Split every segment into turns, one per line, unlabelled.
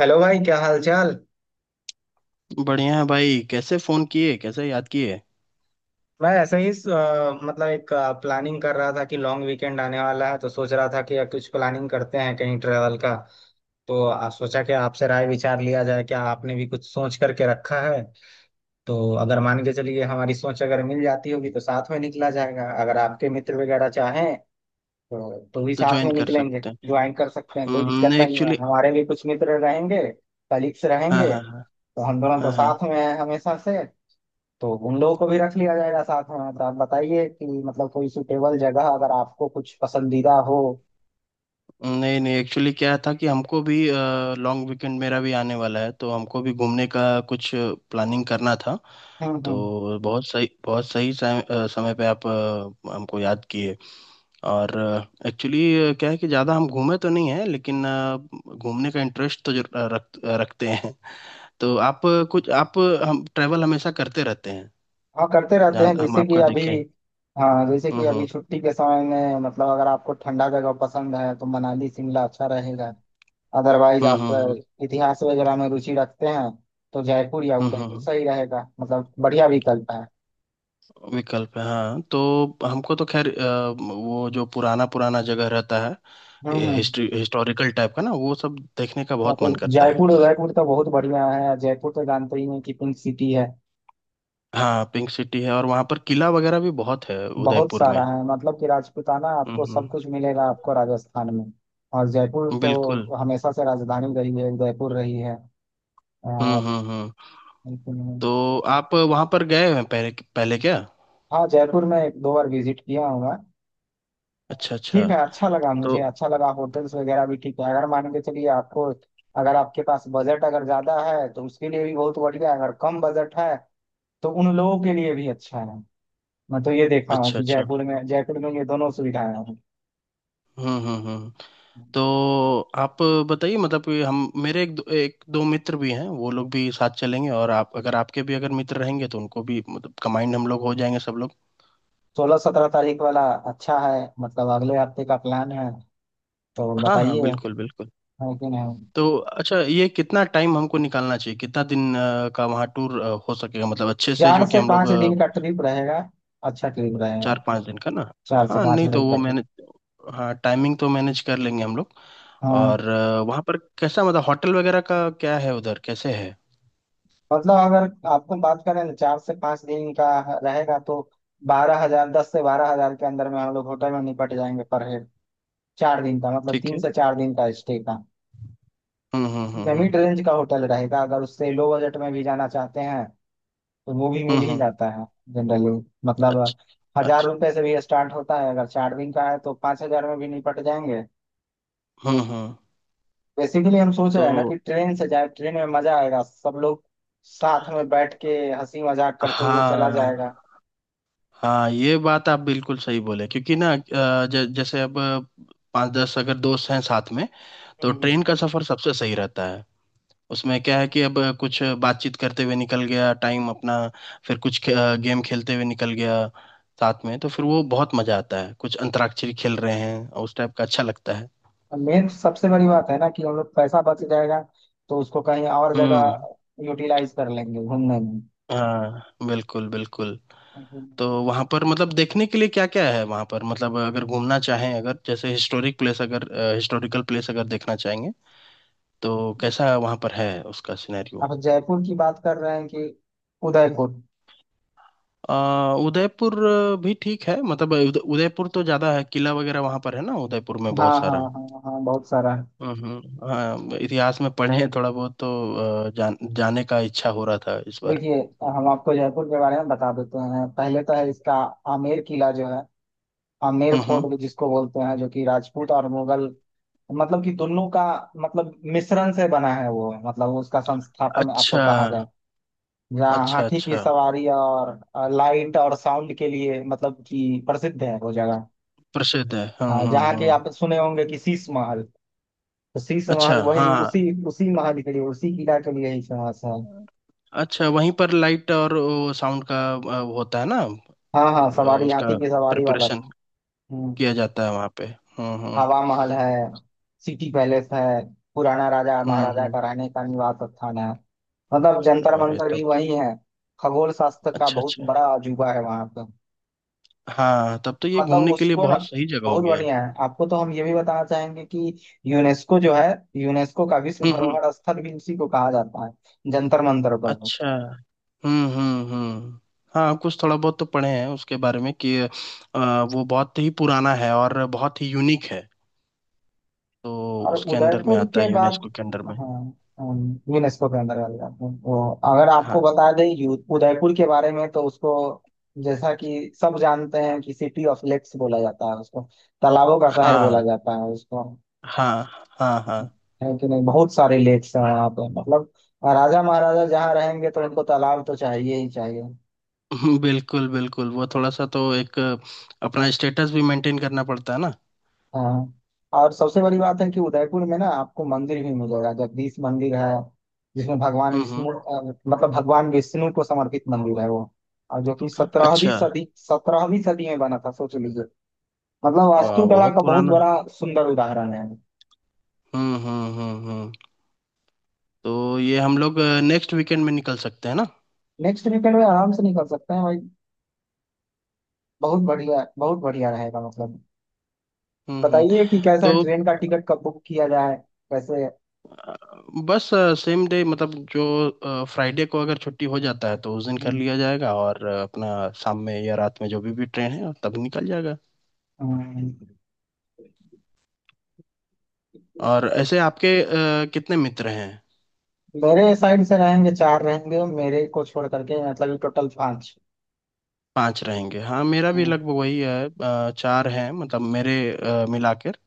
Hello भाई। क्या हाल चाल।
बढ़िया है भाई। कैसे फोन किए, कैसे याद किए?
मैं ऐसे ही मतलब एक प्लानिंग कर रहा था कि लॉन्ग वीकेंड आने वाला है तो सोच रहा था कि अब कुछ प्लानिंग करते हैं कहीं ट्रेवल का। तो सोचा कि आपसे राय विचार लिया जाए, क्या आपने भी कुछ सोच करके रखा है। तो अगर मान के चलिए हमारी सोच अगर मिल जाती होगी तो साथ में निकला जाएगा। अगर आपके मित्र वगैरह चाहें तो भी
तो
साथ
ज्वाइन
में
कर
निकलेंगे,
सकते हैं।
ज्वाइन कर सकते हैं, कोई दिक्कत
नहीं,
नहीं है।
एक्चुअली।
हमारे भी कुछ मित्र रहेंगे, कलीग्स
हाँ,
रहेंगे।
हाँ, हाँ।
तो हम दोनों तो
हाँ, हाँ,
साथ में हैं हमेशा से। तो उन लोगों को भी रख लिया जाएगा साथ में। तो आप बताइए कि मतलब कोई सुटेबल जगह अगर आपको कुछ पसंदीदा हो।
नहीं नहीं, एक्चुअली क्या था कि हमको भी लॉन्ग वीकेंड मेरा भी आने वाला है, तो हमको भी घूमने का कुछ प्लानिंग करना था।
हम्म।
तो बहुत सही, बहुत सही समय पे आप हमको याद किए। और एक्चुअली क्या है कि ज़्यादा हम घूमे तो नहीं है, लेकिन घूमने का इंटरेस्ट तो रखते हैं। तो आप अ, कुछ आप अ, हम ट्रैवल हमेशा करते रहते हैं,
हाँ करते रहते
जहाँ
हैं,
हम
जैसे कि
आपका
अभी।
देखें।
हाँ, जैसे
हम्म।
कि अभी
हम्म।
छुट्टी के समय में मतलब अगर आपको ठंडा जगह पसंद है तो मनाली शिमला अच्छा रहेगा। अदरवाइज
हम्म।
आप
हम्म।
इतिहास वगैरह में रुचि रखते हैं तो जयपुर या
हम्म। हम्म।
उदयपुर
हम्म।
सही रहेगा, मतलब बढ़िया विकल्प है।
हम्म। विकल्प है, हाँ। तो हमको तो खैर वो जो पुराना पुराना जगह रहता है,
हम्म।
हिस्ट्री हिस्टोरिकल टाइप का ना, वो सब देखने का
हाँ,
बहुत
तो
मन करता है।
जयपुर उदयपुर तो बहुत बढ़िया है। जयपुर तो जानते ही हैं कि पिंक सिटी है।
हाँ, पिंक सिटी है और वहाँ पर किला वगैरह भी बहुत है,
बहुत
उदयपुर
सारा
में।
है, मतलब कि राजपूताना
हम्म।
आपको सब कुछ मिलेगा आपको राजस्थान में। और जयपुर
बिल्कुल।
तो हमेशा से राजधानी रही है, जयपुर रही है।
हम्म।
और
हम्म। हम्म।
लेकिन-
तो आप वहाँ पर गए हैं पहले? पहले क्या?
हाँ, जयपुर में एक दो बार विजिट किया हूँ मैं।
अच्छा, अच्छा।
ठीक है, अच्छा लगा
तो
मुझे, अच्छा लगा। होटल्स वगैरह भी ठीक है, अगर मान के चलिए आपको, अगर आपके पास बजट अगर ज्यादा है तो उसके लिए भी बहुत बढ़िया है। अगर कम बजट है तो उन लोगों के लिए भी अच्छा है। मैं तो ये देखा हूँ
अच्छा,
कि
अच्छा।
जयपुर में ये दोनों सुविधाएं
हम्म। हम्म। हम्म। तो
हैं।
आप बताइए, मतलब कि हम मेरे एक दो मित्र भी हैं, वो लोग भी साथ चलेंगे, और आप अगर आपके भी अगर मित्र रहेंगे तो उनको भी, मतलब कंबाइंड हम लोग हो जाएंगे सब लोग।
16-17 तारीख वाला अच्छा है, मतलब अगले हफ्ते का प्लान है। तो
हाँ, हाँ,
बताइए है
बिल्कुल बिल्कुल।
कि नहीं।
तो अच्छा, ये कितना टाइम हमको निकालना चाहिए, कितना दिन का वहाँ टूर हो सकेगा, मतलब अच्छे से,
चार
जो कि
से
हम लोग
पाँच
अ,
दिन का ट्रिप रहेगा, अच्छा ट्रिप
चार
रहेगा,
पाँच दिन का ना।
चार से
हाँ,
पाँच
नहीं तो
दिन का
वो
ट्रिप।
मैंने, हाँ, टाइमिंग तो मैनेज कर लेंगे हम लोग। और
हाँ।
वहाँ पर कैसा, मतलब होटल वगैरह का क्या है, उधर कैसे है?
मतलब अगर आपको बात करें ना, 4 से 5 दिन का रहेगा तो 12,000, 10 से 12,000 के अंदर में हम लोग होटल में निपट जाएंगे पर हेड, 4 दिन का, मतलब
ठीक
तीन
है।
से चार दिन का स्टे का।
हम्म। हम्म। हम्म।
मिड
हम्म।
रेंज का होटल रहेगा। अगर उससे लो बजट में भी जाना चाहते हैं तो वो भी
हम्म।
मिल ही
हम्म।
जाता है जनरली। मतलब
अच्छा,
हजार
अच्छा।
रुपए से भी स्टार्ट होता है। अगर 4 दिन का है तो 5,000 में भी निपट जाएंगे।
हम्म। हम्म।
बेसिकली हम सोच रहे हैं ना कि
तो
ट्रेन से जाए, ट्रेन में मजा आएगा, सब लोग साथ में बैठ के हंसी मजाक करते हुए चला
हाँ,
जाएगा।
हाँ, ये बात आप बिल्कुल सही बोले, क्योंकि ना जैसे अब पांच दस अगर दोस्त हैं साथ में, तो ट्रेन का सफर सबसे सही रहता है। उसमें क्या है कि अब कुछ बातचीत करते हुए निकल गया टाइम अपना, फिर कुछ गेम खेलते हुए निकल गया साथ में, तो फिर वो बहुत मजा आता है, कुछ अंतराक्षरी खेल रहे हैं और उस टाइप का अच्छा लगता है।
मेन सबसे बड़ी बात है ना कि हम लोग पैसा बच जाएगा, तो उसको कहीं और
हम्म।
जगह यूटिलाइज कर लेंगे घूमने
हाँ, बिल्कुल बिल्कुल।
में।
तो वहां पर मतलब देखने के लिए क्या क्या है वहां पर, मतलब अगर घूमना चाहें, अगर जैसे हिस्टोरिकल प्लेस अगर देखना चाहेंगे, तो कैसा वहां पर है, उसका सिनेरियो?
आप जयपुर की बात कर रहे हैं कि उदयपुर?
उदयपुर भी ठीक है, मतलब उदयपुर तो ज्यादा है, किला वगैरह वहां पर है ना, उदयपुर में
हाँ
बहुत
हाँ
सारा।
हाँ हाँ बहुत सारा है।
हम्म। हाँ, इतिहास में पढ़े हैं थोड़ा बहुत, तो जाने का इच्छा हो रहा था इस बार।
देखिए, हम आपको जयपुर के बारे में बता देते हैं। पहले तो है इसका आमेर किला जो है, आमेर
हम्म।
फोर्ट
हम्म।
भी जिसको बोलते हैं, जो कि राजपूत और मुगल मतलब कि दोनों का मतलब मिश्रण से बना है वो, मतलब उसका संस्थापन आपको
अच्छा,
कहा जाए। जहाँ
अच्छा,
हाथी की
अच्छा।
सवारी और लाइट और साउंड के लिए मतलब कि प्रसिद्ध है वो जगह।
प्रसिद्ध है। हम्म।
हाँ,
हम्म।
जहाँ की
हम्म।
आप सुने होंगे कि शीश महल, उसी समाज
अच्छा, हाँ।
वही उसी उसी महाल के लिए, उसी किला के लिए ही फेमस है।
अच्छा, वहीं पर लाइट और साउंड का होता है ना?
हाँ हाँ, सवारी हाथी
उसका
की सवारी वाला।
प्रिपरेशन
हम्म।
किया जाता है वहाँ पे। हम्म। हम्म।
हवा महल है, सिटी पैलेस है, पुराना राजा
हम्म।
महाराजा
हम्म।
का रहने का निवास स्थान है। मतलब जंतर
अरे
मंतर
तब,
भी वही है, खगोल शास्त्र का
अच्छा
बहुत
अच्छा।
बड़ा अजूबा है वहां पर।
हाँ, तब तो ये
मतलब
घूमने के लिए
उसको ना
बहुत सही जगह हो
बहुत
गया।
बढ़िया है। आपको तो हम ये भी बताना चाहेंगे कि यूनेस्को जो है, यूनेस्को का विश्व
हम्म। हम्म।
धरोहर स्थल भी उसी को कहा जाता है, जंतर मंतर पर।
अच्छा। हम्म। हम्म। हम्म। हाँ, कुछ थोड़ा बहुत तो पढ़े हैं उसके बारे में, कि वो बहुत ही पुराना है और बहुत ही यूनिक है। तो
और
उसके अंडर में
उदयपुर
आता
के
है,
बाद,
यूनेस्को के अंडर
हाँ।
में।
यूनेस्को के अंदर वाली बात है। वो अगर आपको
हाँ,
बता दें उदयपुर के बारे में, तो उसको जैसा कि सब जानते हैं कि सिटी ऑफ लेक्स बोला जाता है उसको, तालाबों का शहर बोला
हाँ,
जाता है उसको।
हाँ, हाँ, हाँ।
है कि नहीं बहुत सारे लेक्स हैं यहाँ पे, मतलब राजा महाराजा जहाँ रहेंगे तो उनको तालाब तो चाहिए ही चाहिए।
बिल्कुल बिल्कुल। वो थोड़ा सा तो, एक अपना स्टेटस भी मेंटेन करना पड़ता है ना।
हाँ। और सबसे बड़ी बात है कि उदयपुर में ना आपको मंदिर भी मिलेगा, जगदीश मंदिर है, जिसमें भगवान
हम्म। हम्म।
विष्णु मतलब भगवान विष्णु को समर्पित मंदिर है वो। और जो कि सत्रहवीं
अच्छा।
सदी सत्रहवीं सदी में बना था, सोच लीजिए, मतलब
वाह,
वास्तुकला
बहुत
का बहुत
पुराना।
बड़ा सुंदर उदाहरण है।
हम्म। हम्म। हम्म। हम्म। तो ये हम लोग नेक्स्ट वीकेंड में निकल सकते हैं ना?
नेक्स्ट वीकेंड में आराम से निकल सकते हैं भाई, बहुत बढ़िया, बहुत बढ़िया रहेगा। मतलब
हम्म। हम्म।
बताइए कि कैसा
तो
ट्रेन का टिकट कब बुक किया जाए, कैसे।
अ, बस सेम डे, मतलब जो फ्राइडे को अगर छुट्टी हो जाता है तो उस दिन कर
हम्म,
लिया जाएगा, और अपना शाम में या रात में जो भी ट्रेन है तब निकल जाएगा।
हम्म।
और ऐसे आपके कितने मित्र हैं?
मेरे साइड से रहेंगे, चार रहेंगे मेरे को छोड़ करके, मतलब टोटल पांच।
पाँच रहेंगे। हाँ, मेरा भी
हाँ।
लगभग वही है, चार हैं, मतलब मेरे मिलाकर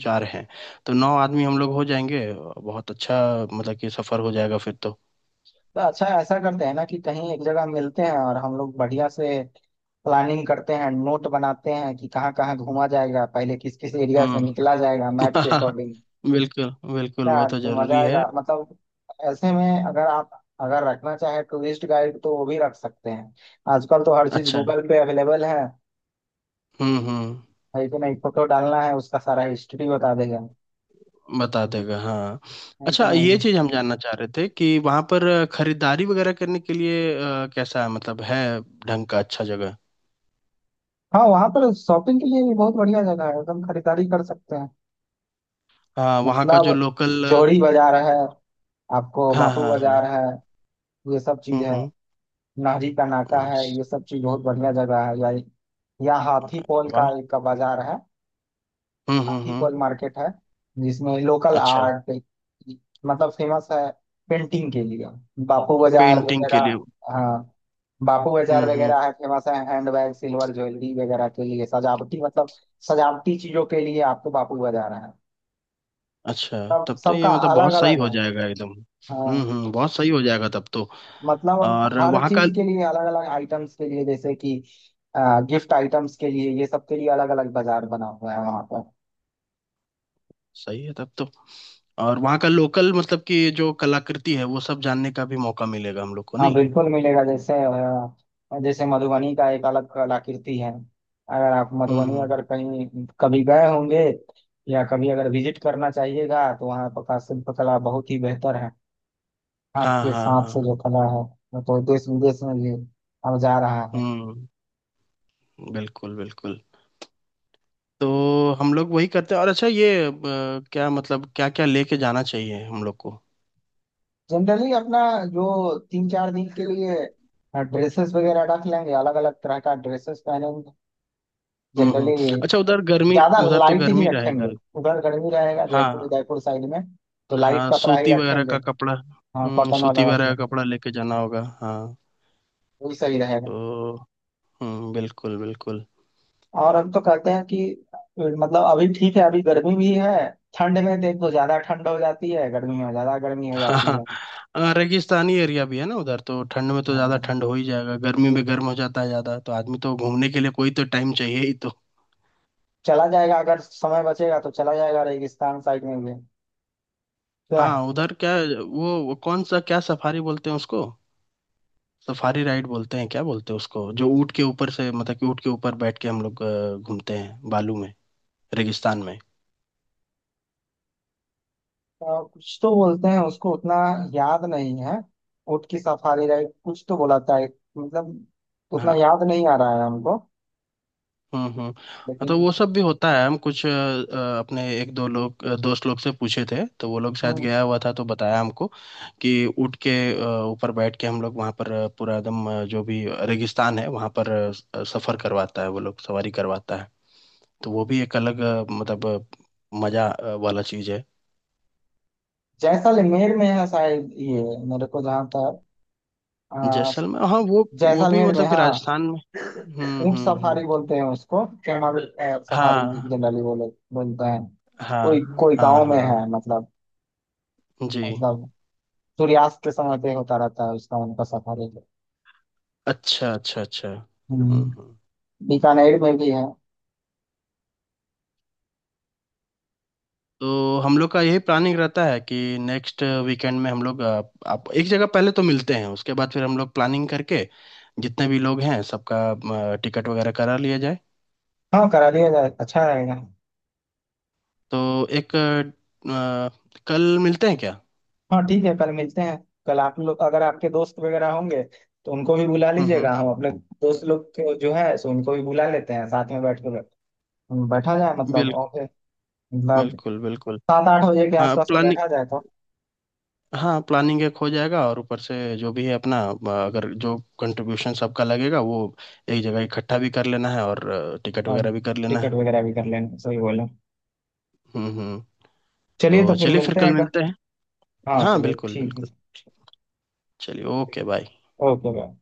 चार हैं। तो नौ आदमी हम लोग हो जाएंगे, बहुत अच्छा, मतलब कि सफर हो जाएगा फिर तो।
तो अच्छा, ऐसा करते हैं ना कि कहीं एक जगह मिलते हैं और हम लोग बढ़िया से प्लानिंग करते हैं, नोट बनाते हैं कि कहाँ कहाँ घूमा जाएगा, पहले किस किस एरिया से निकला जाएगा
हम्म।
मैप के अकॉर्डिंग।
बिल्कुल बिल्कुल, वो
क्या
तो
तो मजा
जरूरी है।
आएगा, मतलब ऐसे में अगर आप, अगर रखना चाहे टूरिस्ट गाइड, तो वो भी रख सकते हैं। आजकल तो हर चीज
अच्छा।
गूगल पे अवेलेबल है
हम्म। हम्म।
है कि नहीं? फोटो डालना है, उसका सारा हिस्ट्री बता देगा,
बता देगा, हाँ।
है कि
अच्छा, ये
नहीं?
चीज़ हम जानना चाह रहे थे कि वहाँ पर खरीदारी वगैरह करने के लिए कैसा है, मतलब है ढंग का अच्छा जगह?
हाँ, वहां पर शॉपिंग के लिए भी बहुत बढ़िया जगह है, एकदम खरीदारी कर सकते हैं।
हाँ, वहाँ का
मतलब
जो लोकल।
जोड़ी बाजार है, आपको
हाँ,
बापू
हाँ, हाँ।
बाजार है, ये सब चीज
हम्म।
है,
हम्म।
नहरी का नाका
वाह,
है, ये सब चीज बहुत बढ़िया जगह है, या हाथी पोल
वाह।
का एक बाजार है,
हम्म। हम्म।
हाथी
हम्म।
पोल मार्केट है, जिसमें लोकल
अच्छा।
आर्ट मतलब फेमस है, पेंटिंग के लिए बापू बाजार
पेंटिंग
वगैरह।
के लिए।
हाँ, बापू बाजार
हम्म। हम्म।
वगैरह है, फेमस है हैंडबैग, सिल्वर ज्वेलरी वगैरह के लिए, सजावटी मतलब सजावटी चीजों के लिए आपको बापू बाजार है।
अच्छा,
सब
तब तो ये
सबका
मतलब
अलग
बहुत सही
अलग
हो
है।
जाएगा एकदम। हम्म।
हाँ,
हम्म। बहुत सही हो जाएगा तब तो।
मतलब
और
हर
वहाँ का
चीज के लिए, अलग अलग आइटम्स के लिए, जैसे कि गिफ्ट आइटम्स के लिए, ये सब के लिए अलग अलग बाजार बना हुआ है वहाँ।
सही है तब तो। और वहाँ का लोकल, मतलब कि जो कलाकृति है वो सब जानने का भी मौका मिलेगा हम लोग को,
हाँ
नहीं?
बिल्कुल मिलेगा। जैसे मधुबनी का एक अलग कलाकृति है, अगर आप
हम्म।
मधुबनी
हम्म।
अगर कहीं कभी गए होंगे या कभी अगर विजिट करना चाहिएगा, तो वहाँ पर का शिल्प कला बहुत ही बेहतर है। हाथ
हाँ,
के
हाँ,
सांप से
हाँ।
जो कला है, वो तो देश विदेश में भी अब जा रहा है।
हम्म, बिल्कुल बिल्कुल। तो हम लोग वही करते हैं। और अच्छा, ये क्या, मतलब क्या क्या लेके जाना चाहिए हम लोग को?
जनरली अपना जो 3-4 दिन के लिए ड्रेसेस वगैरह रख लेंगे, अलग अलग तरह का ड्रेसेस पहनेंगे
हम्म। हम्म।
जनरली।
अच्छा,
ज्यादा
उधर तो
लाइट ही
गर्मी रहेगा।
रखेंगे, उधर गर्मी रहेगा जयपुर
हाँ,
उदयपुर साइड में, तो लाइट
हाँ,
कपड़ा ही
सूती वगैरह
रखेंगे।
का कपड़ा।
हाँ
हम्म,
कॉटन
सूती
वाला रख
वगैरह का
लेंगे,
कपड़ा लेके जाना होगा, हाँ।
वही सही रहेगा।
तो हम्म, बिल्कुल बिल्कुल।
और हम तो कहते हैं कि मतलब अभी ठीक है, अभी गर्मी भी है, ठंड में देख तो ज्यादा ठंड हो जाती है, गर्मी में ज्यादा गर्मी हो
हाँ,
जाती है।
हाँ, रेगिस्तानी एरिया भी है ना उधर, तो ठंड में तो ज्यादा
हाँ
ठंड हो ही जाएगा, गर्मी में गर्म हो जाता है ज्यादा, तो आदमी तो घूमने के लिए कोई तो टाइम चाहिए ही तो।
चला जाएगा, अगर समय बचेगा तो चला जाएगा रेगिस्तान साइड में भी। तो
हाँ, उधर क्या, वो कौन सा, क्या सफारी बोलते हैं उसको? सफारी राइड बोलते हैं, क्या बोलते हैं उसको, जो ऊँट के ऊपर से, मतलब कि ऊँट के ऊपर बैठ के हम लोग घूमते हैं बालू में, रेगिस्तान में।
कुछ तो बोलते हैं उसको, उतना याद नहीं है। ऊँट की सफारी राइड कुछ तो बोला था मतलब उतना
हाँ।
याद नहीं आ रहा है हमको,
हम्म। हम्म। तो
लेकिन
वो सब भी होता है। हम कुछ अपने एक दो लोग, दोस्त लोग से पूछे थे, तो वो लोग शायद
हम्म,
गया हुआ था तो बताया हमको कि उठ के, अ, ऊपर बैठ के हम लोग वहाँ पर पूरा एकदम, जो भी रेगिस्तान है वहाँ पर, सफर करवाता है वो लोग, सवारी करवाता है। तो वो
हाँ।
भी एक अलग, मतलब मजा वाला चीज है।
जैसलमेर में है शायद ये, मेरे को जहाँ तक अ,
जैसलमेर, हाँ। वो भी
जैसलमेर में,
मतलब कि
हाँ।
राजस्थान में। हम्म।
ऊंट
हम्म। हम्म।
सफारी बोलते हैं उसको, कैमल सफारी
हाँ,
जनरली बोले बोलते हैं।
हाँ,
कोई कोई
हाँ,
गांव
हाँ,
में
हाँ।
है, मतलब
जी,
मतलब सूर्यास्त के समय पे होता रहता है उसका उनका सफारी।
अच्छा, अच्छा, अच्छा। हम्म।
हम्म,
हम्म।
बीकानेर में भी है।
तो हम लोग का यही प्लानिंग रहता है कि नेक्स्ट वीकेंड में हम लोग, आप एक जगह पहले तो मिलते हैं, उसके बाद फिर हम लोग प्लानिंग करके जितने भी लोग हैं सबका टिकट वगैरह करा लिया जाए।
हाँ करा दिया जाए, अच्छा रहेगा।
तो एक, कल मिलते हैं क्या?
हाँ ठीक है, कल मिलते हैं। कल आप लोग अगर आपके दोस्त वगैरह होंगे तो उनको भी बुला
हम्म।
लीजिएगा,
हम्म।
हम अपने दोस्त लोग को जो है सो उनको भी बुला लेते हैं साथ में बैठ के। बैठा जाए, मतलब
बिल,
ओके। मतलब
बिल्कुल बिल्कुल।
7-8 बजे के
हाँ
आसपास में
प्लानिंग
बैठा जाए तो।
हाँ, प्लानिंग एक हो जाएगा, और ऊपर से जो भी है अपना अगर जो कंट्रीब्यूशन सबका लगेगा, वो एक जगह इकट्ठा भी कर लेना है, और टिकट
और
वगैरह भी कर लेना
टिकट
है।
वगैरह भी कर लेंगे, सही बोले।
हम्म। हम्म। तो
चलिए, तो फिर
चलिए, फिर
मिलते
कल
हैं का।
मिलते हैं।
हाँ
हाँ,
चलिए
बिल्कुल
ठीक है।
बिल्कुल। चलिए, ओके, बाय।
Okay bye.